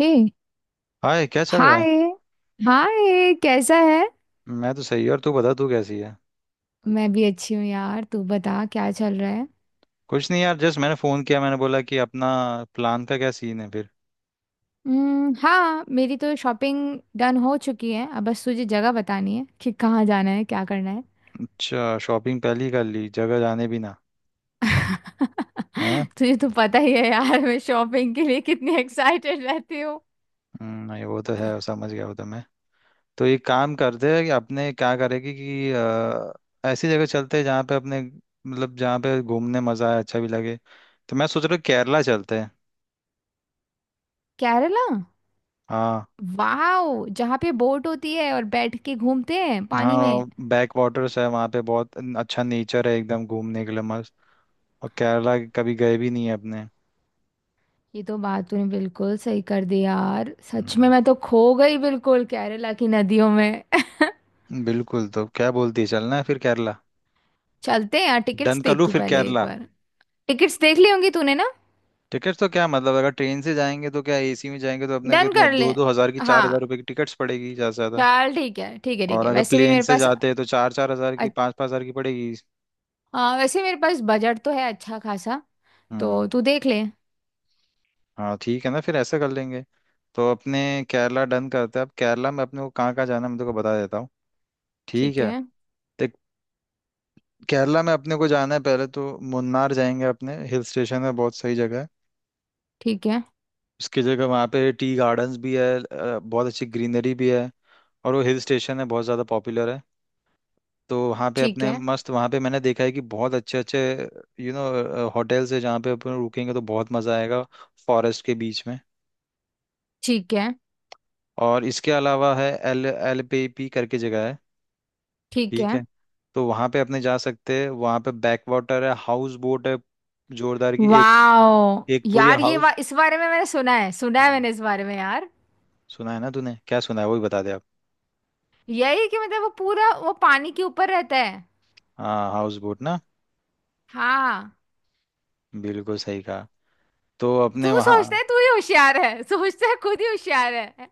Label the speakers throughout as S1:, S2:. S1: हे
S2: hi, क्या चल रहा है।
S1: हाय। हाय कैसा है।
S2: मैं तो सही। और तू बता, तू कैसी है।
S1: मैं भी अच्छी हूँ यार, तू बता क्या चल रहा है।
S2: कुछ नहीं यार, जस्ट मैंने फोन किया। मैंने बोला कि अपना प्लान का क्या सीन है फिर।
S1: हम्म, हाँ, मेरी तो शॉपिंग डन हो चुकी है, अब बस तुझे जगह बतानी है कि कहाँ जाना है क्या करना है।
S2: अच्छा, शॉपिंग पहले ही कर ली, जगह जाने भी ना है।
S1: तुझे तो पता ही है यार, मैं शॉपिंग के लिए कितनी एक्साइटेड रहती हूँ।
S2: नहीं वो तो है, समझ गया वो तो। मैं तो एक काम करते हैं कि अपने क्या करेगी कि ऐसी जगह चलते हैं जहाँ पे अपने मतलब जहाँ पे घूमने मजा आए, अच्छा भी लगे। तो मैं सोच रहा हूँ केरला चलते हैं।
S1: केरला।
S2: हाँ।
S1: वाह, जहाँ पे बोट होती है और बैठ के घूमते हैं पानी में।
S2: हाँ, बैक वाटर्स है वहाँ पे, बहुत अच्छा नेचर है, एकदम घूमने के लिए मस्त। और केरला कभी गए भी नहीं है अपने।
S1: ये तो बात तूने बिल्कुल सही कर दी यार, सच में
S2: हम्म।
S1: मैं तो खो गई बिल्कुल केरला की नदियों में।
S2: बिल्कुल, तो क्या बोलती है, चलना है फिर केरला?
S1: चलते हैं यार,
S2: डन
S1: टिकट्स
S2: कर
S1: देख
S2: लूँ
S1: तू
S2: फिर
S1: पहले एक
S2: केरला।
S1: बार। टिकट्स देख ली होंगी तूने ना।
S2: टिकट्स तो क्या मतलब, अगर ट्रेन से जाएंगे तो क्या एसी में जाएंगे तो अपने को
S1: डन
S2: इतने
S1: कर ले।
S2: दो दो हजार की, चार
S1: हाँ।
S2: हजार रुपए की टिकट्स पड़ेगी ज्यादा से ज्यादा।
S1: चल ठीक है, ठीक है, ठीक
S2: और
S1: है,
S2: अगर
S1: वैसे भी
S2: प्लेन
S1: मेरे
S2: से
S1: पास।
S2: जाते हैं तो चार चार हजार
S1: अ-
S2: की, पाँच पाँच हजार की पड़ेगी।
S1: हाँ, वैसे मेरे पास बजट तो है अच्छा खासा।
S2: हम्म।
S1: तो तू देख ले।
S2: हाँ, ठीक है ना, फिर ऐसा कर लेंगे। तो अपने केरला डन करते हैं। अब केरला में अपने को कहाँ कहाँ जाना है, मैं तेरे को बता देता हूँ। ठीक
S1: ठीक
S2: है।
S1: है।
S2: तो केरला में अपने को जाना है, पहले तो मुन्नार जाएंगे अपने। हिल स्टेशन है, बहुत सही जगह है।
S1: ठीक है।
S2: उसकी जगह वहाँ पे टी गार्डन्स भी है, बहुत अच्छी ग्रीनरी भी है। और वो हिल स्टेशन है, बहुत ज़्यादा पॉपुलर है। तो वहाँ पे
S1: ठीक
S2: अपने
S1: है।
S2: मस्त, वहाँ पे मैंने देखा है कि बहुत अच्छे अच्छे होटल्स है जहाँ पे अपन रुकेंगे तो बहुत मज़ा आएगा, फॉरेस्ट के बीच में।
S1: ठीक है।
S2: और इसके अलावा है एल एल पे पी करके जगह है।
S1: ठीक
S2: ठीक
S1: है।
S2: है। तो वहाँ पे अपने जा सकते हैं, वहाँ पे बैक वाटर है, हाउस बोट है जोरदार की एक।
S1: वाओ
S2: एक पूरी
S1: यार, ये
S2: हाउस।
S1: इस बारे में मैंने सुना है, सुना है मैंने इस बारे में यार।
S2: सुना है ना तूने, क्या सुना है वही बता दे आप।
S1: यही कि मतलब वो पूरा वो पानी के ऊपर रहता है।
S2: हाँ, हाउस बोट ना।
S1: हाँ।
S2: बिल्कुल सही कहा। तो अपने
S1: तू
S2: वहाँ।
S1: सोचता है तू ही होशियार है, सोचता है खुद ही होशियार है।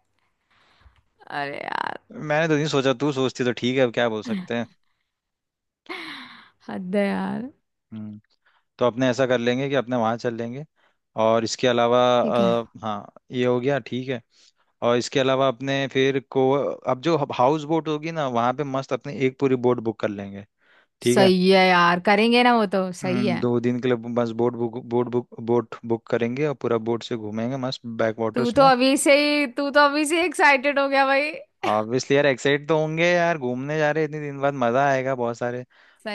S1: अरे यार।
S2: मैंने तो नहीं सोचा, तू सोचती तो ठीक है, अब क्या बोल सकते हैं।
S1: हद है यार।
S2: हम्म। तो अपने ऐसा कर लेंगे कि अपने वहाँ चल लेंगे। और इसके अलावा
S1: ठीक है।
S2: हाँ, ये हो गया, ठीक है। और इसके अलावा अपने फिर को, अब जो हाउस बोट होगी ना, वहाँ पे मस्त अपने एक पूरी बोट बुक कर लेंगे। ठीक है।
S1: सही है यार, करेंगे ना, वो तो सही है।
S2: दो दिन के लिए बस boat book, boat book, boat book करेंगे और पूरा बोट से घूमेंगे मस्त बैक वाटर्स में।
S1: तू तो अभी से एक्साइटेड हो गया भाई।
S2: ऑब्वियसली यार, एक्साइट तो होंगे यार, घूमने जा रहे हैं इतने दिन बाद, मजा आएगा बहुत सारे।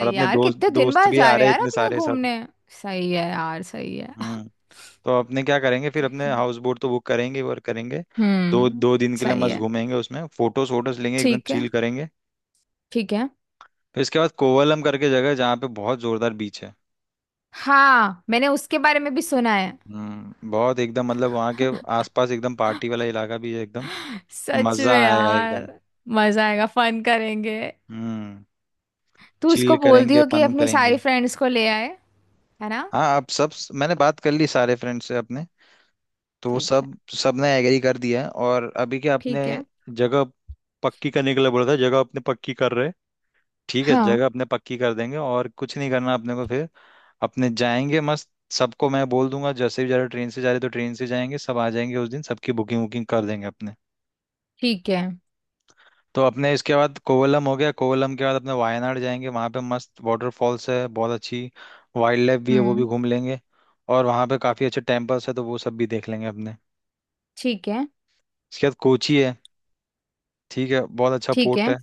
S2: और
S1: है
S2: अपने
S1: यार,
S2: दोस्त
S1: कितने दिन
S2: दोस्त
S1: बाद
S2: भी
S1: जा
S2: आ
S1: रहे
S2: रहे
S1: हैं
S2: हैं
S1: यार
S2: इतने
S1: अपने
S2: सारे सब।
S1: घूमने। सही है यार, सही है।
S2: हम्म। तो अपने क्या करेंगे फिर, अपने हाउस बोट तो बुक करेंगे ही, और करेंगे दो
S1: हम्म।
S2: दो दिन के लिए,
S1: सही
S2: मस्त
S1: है।
S2: घूमेंगे उसमें, फोटोज वोटोज लेंगे, एकदम
S1: ठीक है।
S2: चिल करेंगे।
S1: ठीक है।
S2: फिर इसके बाद कोवलम करके जगह है, जहाँ पे बहुत जोरदार बीच है।
S1: हाँ, मैंने उसके बारे में भी सुना है।
S2: बहुत एकदम मतलब वहाँ के आसपास एकदम पार्टी वाला इलाका भी है एकदम।
S1: सच
S2: मजा
S1: में
S2: आएगा एकदम।
S1: यार। मजा आएगा, फन करेंगे।
S2: हम्म।
S1: तू
S2: चिल
S1: उसको बोल
S2: करेंगे,
S1: दियो कि
S2: फन
S1: अपनी
S2: करेंगे।
S1: सारी फ्रेंड्स को ले आए। है ना।
S2: हाँ, अब सब। मैंने बात कर ली सारे फ्रेंड से अपने। तो वो
S1: ठीक है।
S2: सब सबने एग्री कर दिया है, और अभी क्या अपने
S1: ठीक है।
S2: जगह पक्की करने के लिए बोला था, जगह अपने पक्की कर रहे हैं। ठीक है,
S1: हाँ।
S2: जगह अपने पक्की कर देंगे, और कुछ नहीं करना अपने को फिर। अपने जाएंगे मस्त, सबको मैं बोल दूंगा जैसे भी जा रहे हो, ट्रेन से जा रहे हो तो ट्रेन से जाएंगे, सब आ जाएंगे उस दिन, सबकी बुकिंग वुकिंग कर देंगे अपने।
S1: ठीक है।
S2: तो अपने इसके बाद कोवलम हो गया, कोवलम के बाद अपने वायनाड जाएंगे, वहाँ पे मस्त वाटरफॉल्स है, बहुत अच्छी वाइल्ड लाइफ भी है, वो भी
S1: हम्म।
S2: घूम लेंगे। और वहाँ पे काफ़ी अच्छे टेम्पल्स है, तो वो सब भी देख लेंगे अपने।
S1: ठीक है।
S2: इसके बाद कोची है। ठीक है, बहुत अच्छा
S1: ठीक
S2: पोर्ट
S1: है।
S2: है।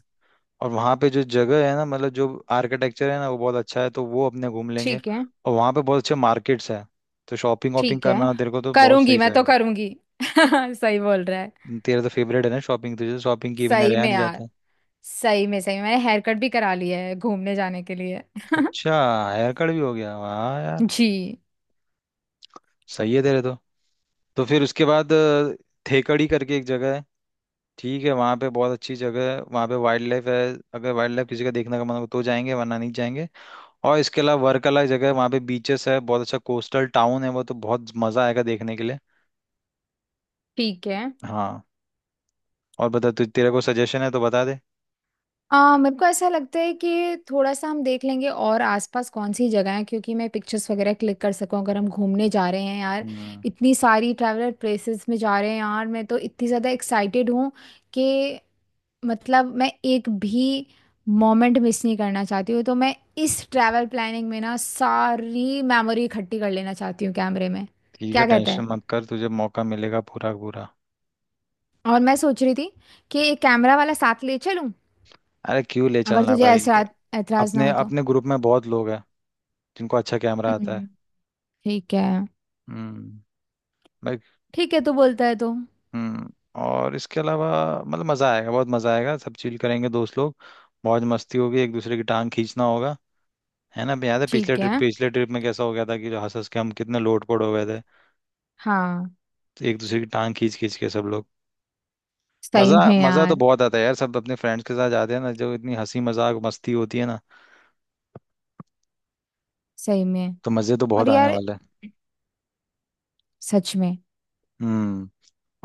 S2: और वहाँ पे जो जगह है ना, मतलब जो आर्किटेक्चर है ना, वो बहुत अच्छा है, तो वो अपने घूम लेंगे।
S1: ठीक है।
S2: और वहाँ पे बहुत अच्छे मार्केट्स हैं, तो शॉपिंग वॉपिंग
S1: ठीक है।
S2: करना हो तेरे को तो बहुत
S1: करूंगी,
S2: सही
S1: मैं तो
S2: जाएगा।
S1: करूंगी। सही बोल रहा है।
S2: तेरा तो फेवरेट है ना शॉपिंग, तुझे तो शॉपिंग किए बिना
S1: सही
S2: रहा
S1: में
S2: नहीं
S1: यार।
S2: जाता।
S1: सही में, सही में मैंने हेयर कट भी करा लिया है घूमने जाने के लिए।
S2: अच्छा, हेयर कट भी हो गया, वाह यार।
S1: जी।
S2: सही है तेरे तो। तो फिर उसके बाद थेकड़ी करके एक जगह है। ठीक है, वहाँ पे बहुत अच्छी जगह है, वहाँ पे वाइल्ड लाइफ है। अगर वाइल्ड लाइफ किसी का देखने का मन हो तो जाएंगे, वरना नहीं जाएंगे। और इसके अलावा वर्कला जगह है, वहाँ पे बीचेस है, बहुत अच्छा कोस्टल टाउन है, वो तो बहुत मज़ा आएगा देखने के लिए।
S1: ठीक है।
S2: हाँ, और बता तु, तेरे को सजेशन है तो बता दे।
S1: मेरे को ऐसा लगता है कि थोड़ा सा हम देख लेंगे और आसपास कौन सी जगह है, क्योंकि मैं पिक्चर्स वगैरह क्लिक कर सकूं अगर हम घूमने जा रहे हैं यार।
S2: हम्म,
S1: इतनी सारी ट्रैवलर प्लेसेस में जा रहे हैं यार, मैं तो इतनी ज़्यादा एक्साइटेड हूँ कि मतलब मैं एक भी मोमेंट मिस नहीं करना चाहती हूँ, तो मैं इस ट्रैवल प्लानिंग में ना सारी मेमोरी इकट्ठी कर लेना चाहती हूँ कैमरे में।
S2: ठीक है,
S1: क्या कहता
S2: टेंशन
S1: है।
S2: मत कर, तुझे मौका मिलेगा पूरा का पूरा।
S1: और मैं सोच रही थी कि एक कैमरा वाला साथ ले चलूँ,
S2: अरे क्यों ले
S1: अगर
S2: चलना
S1: तुझे
S2: भाई,
S1: ऐसा एतराज ना
S2: अपने
S1: हो तो।
S2: अपने ग्रुप में बहुत लोग हैं जिनको अच्छा कैमरा आता है।
S1: हम्म, ठीक है।
S2: हम्म। भाई।
S1: ठीक है, तू बोलता है तो।
S2: हम्म। और इसके अलावा मतलब मजा आएगा, बहुत मजा आएगा, सब चिल करेंगे दोस्त लोग। मौज मस्ती होगी, एक दूसरे की टांग खींचना होगा, है ना? याद है
S1: ठीक है।
S2: पिछले ट्रिप में कैसा हो गया था, कि जो हंस हंस के हम कितने लोट पोट हो गए थे।
S1: हाँ।
S2: तो एक दूसरे की टांग खींच खींच के सब लोग।
S1: सही
S2: मजा
S1: में
S2: मजा तो
S1: यार,
S2: बहुत आता है यार, सब अपने फ्रेंड्स के साथ जाते हैं ना, जो इतनी हंसी मजाक मस्ती होती है ना।
S1: सही में।
S2: तो मजे तो
S1: और
S2: बहुत आने
S1: यार,
S2: वाले हैं।
S1: सच में।
S2: हम्म।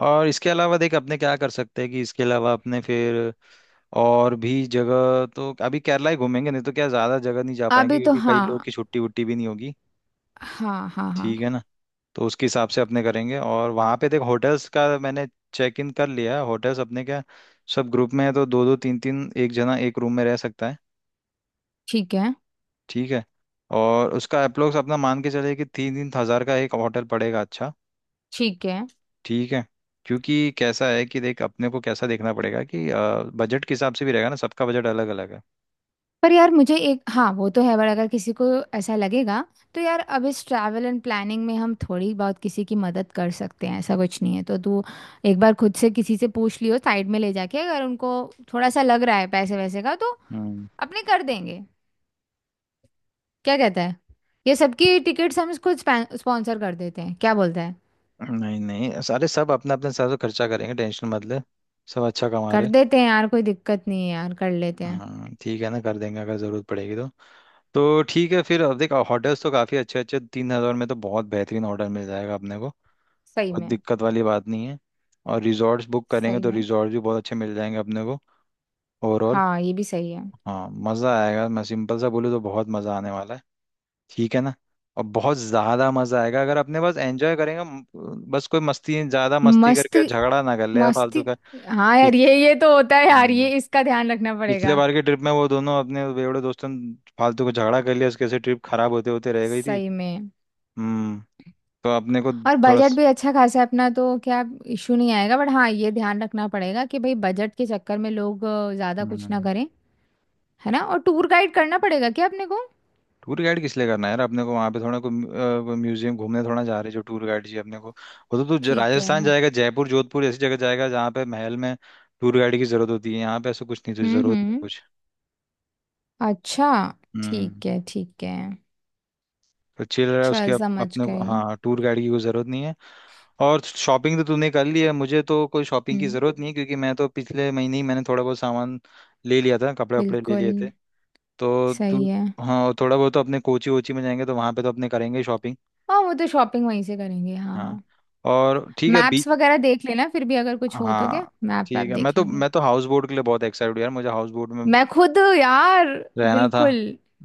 S2: और इसके अलावा देख अपने क्या कर सकते हैं कि इसके अलावा अपने फिर और भी जगह, तो अभी केरला ही घूमेंगे, नहीं तो क्या ज्यादा जगह नहीं जा पाएंगे
S1: अभी तो
S2: क्योंकि कई
S1: हाँ।
S2: लोग की छुट्टी वुट्टी भी नहीं होगी।
S1: हाँ, हाँ, हाँ।
S2: ठीक है ना। तो उसके हिसाब से अपने करेंगे। और वहां पे देख होटल्स का मैंने चेक इन कर लिया है, होटल्स अपने क्या, सब ग्रुप में है, तो दो दो तीन तीन, एक जना एक रूम में रह सकता है।
S1: ठीक है।
S2: ठीक है। और उसका अप्रोक्स अपना मान के चले कि तीन तीन हजार का एक होटल पड़ेगा, अच्छा।
S1: ठीक है।
S2: ठीक है। क्योंकि कैसा है कि देख अपने को कैसा देखना पड़ेगा कि बजट के हिसाब से भी रहेगा ना, सबका बजट अलग अलग है।
S1: पर यार मुझे एक, हाँ वो तो है, पर अगर किसी को ऐसा लगेगा, तो यार अब इस ट्रैवल एंड प्लानिंग में हम थोड़ी बहुत किसी की मदद कर सकते हैं ऐसा कुछ नहीं है, तो तू एक बार खुद से किसी से पूछ लियो, साइड में ले जाके, अगर उनको थोड़ा सा लग रहा है पैसे वैसे का तो
S2: हम्म।
S1: अपने कर देंगे। क्या कहता है। ये सबकी टिकट्स हम खुद स्पॉन्सर कर देते हैं, क्या बोलता है।
S2: नहीं नहीं, सारे सब अपना अपने हिसाब से खर्चा करेंगे, टेंशन मत ले, सब अच्छा कमा
S1: कर
S2: रहे।
S1: देते हैं यार, कोई दिक्कत नहीं है यार, कर लेते हैं।
S2: हम्म, ठीक है ना, कर देंगे अगर जरूरत पड़ेगी तो। तो ठीक है फिर, अब देख होटल्स तो काफ़ी अच्छे अच्छे, 3,000 में तो बहुत बेहतरीन होटल मिल जाएगा अपने को,
S1: सही
S2: कोई
S1: में,
S2: दिक्कत वाली बात नहीं है। और रिजॉर्ट्स बुक करेंगे
S1: सही
S2: तो
S1: में।
S2: रिजॉर्ट भी बहुत अच्छे मिल जाएंगे अपने को। ओवरऑल
S1: हाँ, ये भी सही है।
S2: हाँ, मज़ा आएगा। मैं सिंपल सा बोलूँ तो बहुत मज़ा आने वाला है, ठीक है ना? और बहुत ज़्यादा मज़ा आएगा अगर अपने बस एंजॉय करेंगे। बस कोई मस्ती, ज़्यादा मस्ती
S1: मस्त।
S2: करके झगड़ा ना कर ले यार, फालतू
S1: मस्ती।
S2: का।
S1: हाँ यार,
S2: पिछ-
S1: ये तो होता है यार,
S2: हम्म,
S1: ये इसका ध्यान रखना
S2: पिछले
S1: पड़ेगा।
S2: बार के ट्रिप में वो दोनों अपने बेवड़े दोस्तों ने फालतू को झगड़ा कर लिया, उसके से ट्रिप खराब होते होते रह गई थी।
S1: सही में।
S2: हम्म। तो अपने को
S1: और
S2: थोड़ा।
S1: बजट भी अच्छा खासा है अपना, तो क्या इशू नहीं आएगा, बट हाँ, ये ध्यान रखना पड़ेगा कि भाई बजट के चक्कर में लोग ज्यादा कुछ ना करें। है ना, और टूर गाइड करना पड़ेगा क्या अपने को।
S2: टूर गाइड किस लिए करना है यार, अपने को वहां पे थोड़ा कोई म्यूजियम घूमने थोड़ा जा रहे हैं, जो टूर गाइड जी अपने को। वो तो तू
S1: ठीक है।
S2: राजस्थान जाएगा, जयपुर जोधपुर ऐसी जगह जाएगा जहाँ पे महल में टूर गाइड की जरूरत होती है, यहाँ पे ऐसा कुछ नहीं, तुझे
S1: हम्म।
S2: जरूरत नहीं
S1: हम्म।
S2: कुछ।
S1: अच्छा।
S2: हम्म।
S1: ठीक है। ठीक है।
S2: तो चिल रहा है उसके
S1: चल समझ
S2: अपने को,
S1: गए।
S2: हाँ टूर गाइड की कोई जरूरत नहीं है। और शॉपिंग तो तूने कर ली है, मुझे तो कोई शॉपिंग की
S1: हम्म।
S2: जरूरत नहीं है, क्योंकि मैं तो पिछले महीने ही मैंने थोड़ा बहुत सामान ले लिया था, कपड़े वपड़े ले
S1: बिल्कुल।
S2: लिए थे। तो तू।
S1: सही है।
S2: हाँ, और थोड़ा बहुत तो अपने कोची वोची में जाएंगे तो वहां पे तो अपने करेंगे शॉपिंग।
S1: हाँ, वो तो शॉपिंग वहीं से करेंगे, हाँ
S2: हाँ।
S1: हाँ।
S2: और ठीक है।
S1: मैप्स वगैरह देख लेना, फिर भी अगर कुछ हो तो क्या
S2: हाँ,
S1: मैप वैप
S2: ठीक है। मैं
S1: देख
S2: तो
S1: लेंगे।
S2: मैं तो हाउस बोट के लिए बहुत एक्साइटेड हूँ यार, मुझे हाउस बोट में
S1: मैं खुद यार।
S2: रहना था।
S1: बिल्कुल।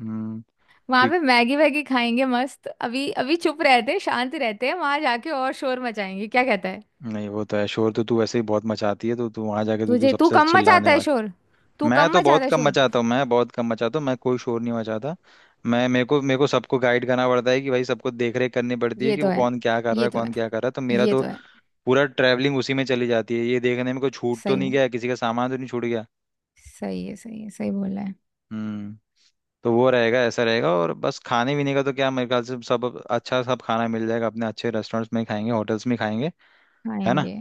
S2: हम्म।
S1: वहां
S2: कि
S1: पे मैगी वैगी खाएंगे मस्त, अभी अभी चुप रहते हैं शांत रहते हैं वहां जाके और शोर मचाएंगे, क्या कहता है।
S2: नहीं, वो तो है, शोर तो तू वैसे ही बहुत मचाती है, तो तू वहां जाके तो तू
S1: तुझे? तू
S2: सबसे
S1: कम
S2: चिल्लाने
S1: मचाता है
S2: वाली।
S1: शोर। तू
S2: मैं
S1: कम
S2: तो बहुत
S1: मचाता है
S2: कम
S1: शोर।
S2: मचाता हूँ, मैं बहुत कम मचाता हूँ, मैं कोई शोर नहीं मचाता। मैं मेरे को सबको गाइड करना पड़ता है कि भाई सबको देख रेख करनी पड़ती है
S1: ये
S2: कि
S1: तो
S2: वो
S1: है।
S2: कौन क्या कर रहा
S1: ये
S2: है,
S1: तो है।
S2: कौन क्या कर रहा है, तो मेरा
S1: ये
S2: तो
S1: तो है।
S2: पूरा ट्रैवलिंग उसी में चली जाती है, ये देखने में कोई छूट तो
S1: सही
S2: नहीं
S1: में।
S2: गया, किसी का सामान तो नहीं छूट गया।
S1: सही है, सही है, सही बोल रहा है।
S2: हम्म। तो वो रहेगा, ऐसा रहेगा। और बस खाने पीने का तो क्या, मेरे ख्याल से सब अच्छा, सब खाना मिल जाएगा अपने, अच्छे रेस्टोरेंट्स में ही खाएंगे, होटल्स में ही खाएंगे, है ना।
S1: खाएंगे।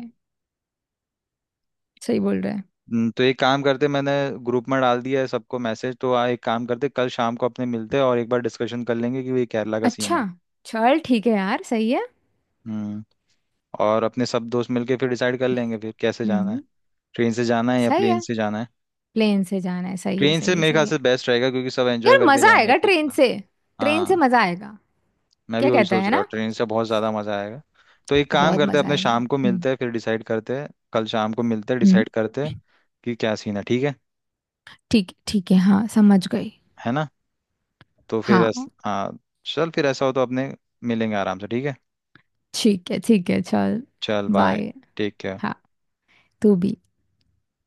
S1: सही बोल रहा है।
S2: तो एक काम करते, मैंने ग्रुप में डाल दिया है सबको मैसेज तो आ, एक काम करते कल शाम को अपने मिलते हैं और एक बार डिस्कशन कर लेंगे कि ये केरला का सीन
S1: अच्छा।
S2: है।
S1: चल ठीक है यार, सही है।
S2: हम्म। और अपने सब दोस्त मिलके फिर डिसाइड कर लेंगे फिर कैसे जाना है,
S1: हम्म।
S2: ट्रेन से जाना है या
S1: सही
S2: प्लेन
S1: है।
S2: से जाना है।
S1: प्लेन से जाना है, सही है,
S2: ट्रेन से
S1: सही है,
S2: मेरे
S1: सही
S2: ख्याल
S1: है।
S2: से बेस्ट रहेगा, क्योंकि सब एंजॉय
S1: यार
S2: करके
S1: मजा
S2: जाएंगे
S1: आएगा
S2: फिर।
S1: ट्रेन से। ट्रेन से
S2: हाँ,
S1: मजा आएगा।
S2: मैं भी
S1: क्या
S2: वही
S1: कहता
S2: सोच
S1: है
S2: रहा हूँ,
S1: ना।
S2: ट्रेन से बहुत ज्यादा मजा आएगा। तो एक काम
S1: बहुत
S2: करते हैं
S1: मजा
S2: अपने
S1: आएगा।
S2: शाम को
S1: हम्म।
S2: मिलते हैं, फिर डिसाइड करते हैं, कल शाम को मिलते हैं
S1: हम्म।
S2: डिसाइड करते हैं कि क्या सीन है, ठीक है?
S1: ठीक, ठीक है, हाँ समझ गई।
S2: है ना। तो फिर
S1: हाँ।
S2: हाँ, चल, फिर ऐसा हो तो अपने मिलेंगे आराम से, ठीक है।
S1: ठीक है, ठीक है, चल
S2: चल बाय।
S1: बाय।
S2: Take care.
S1: हाँ। तू भी।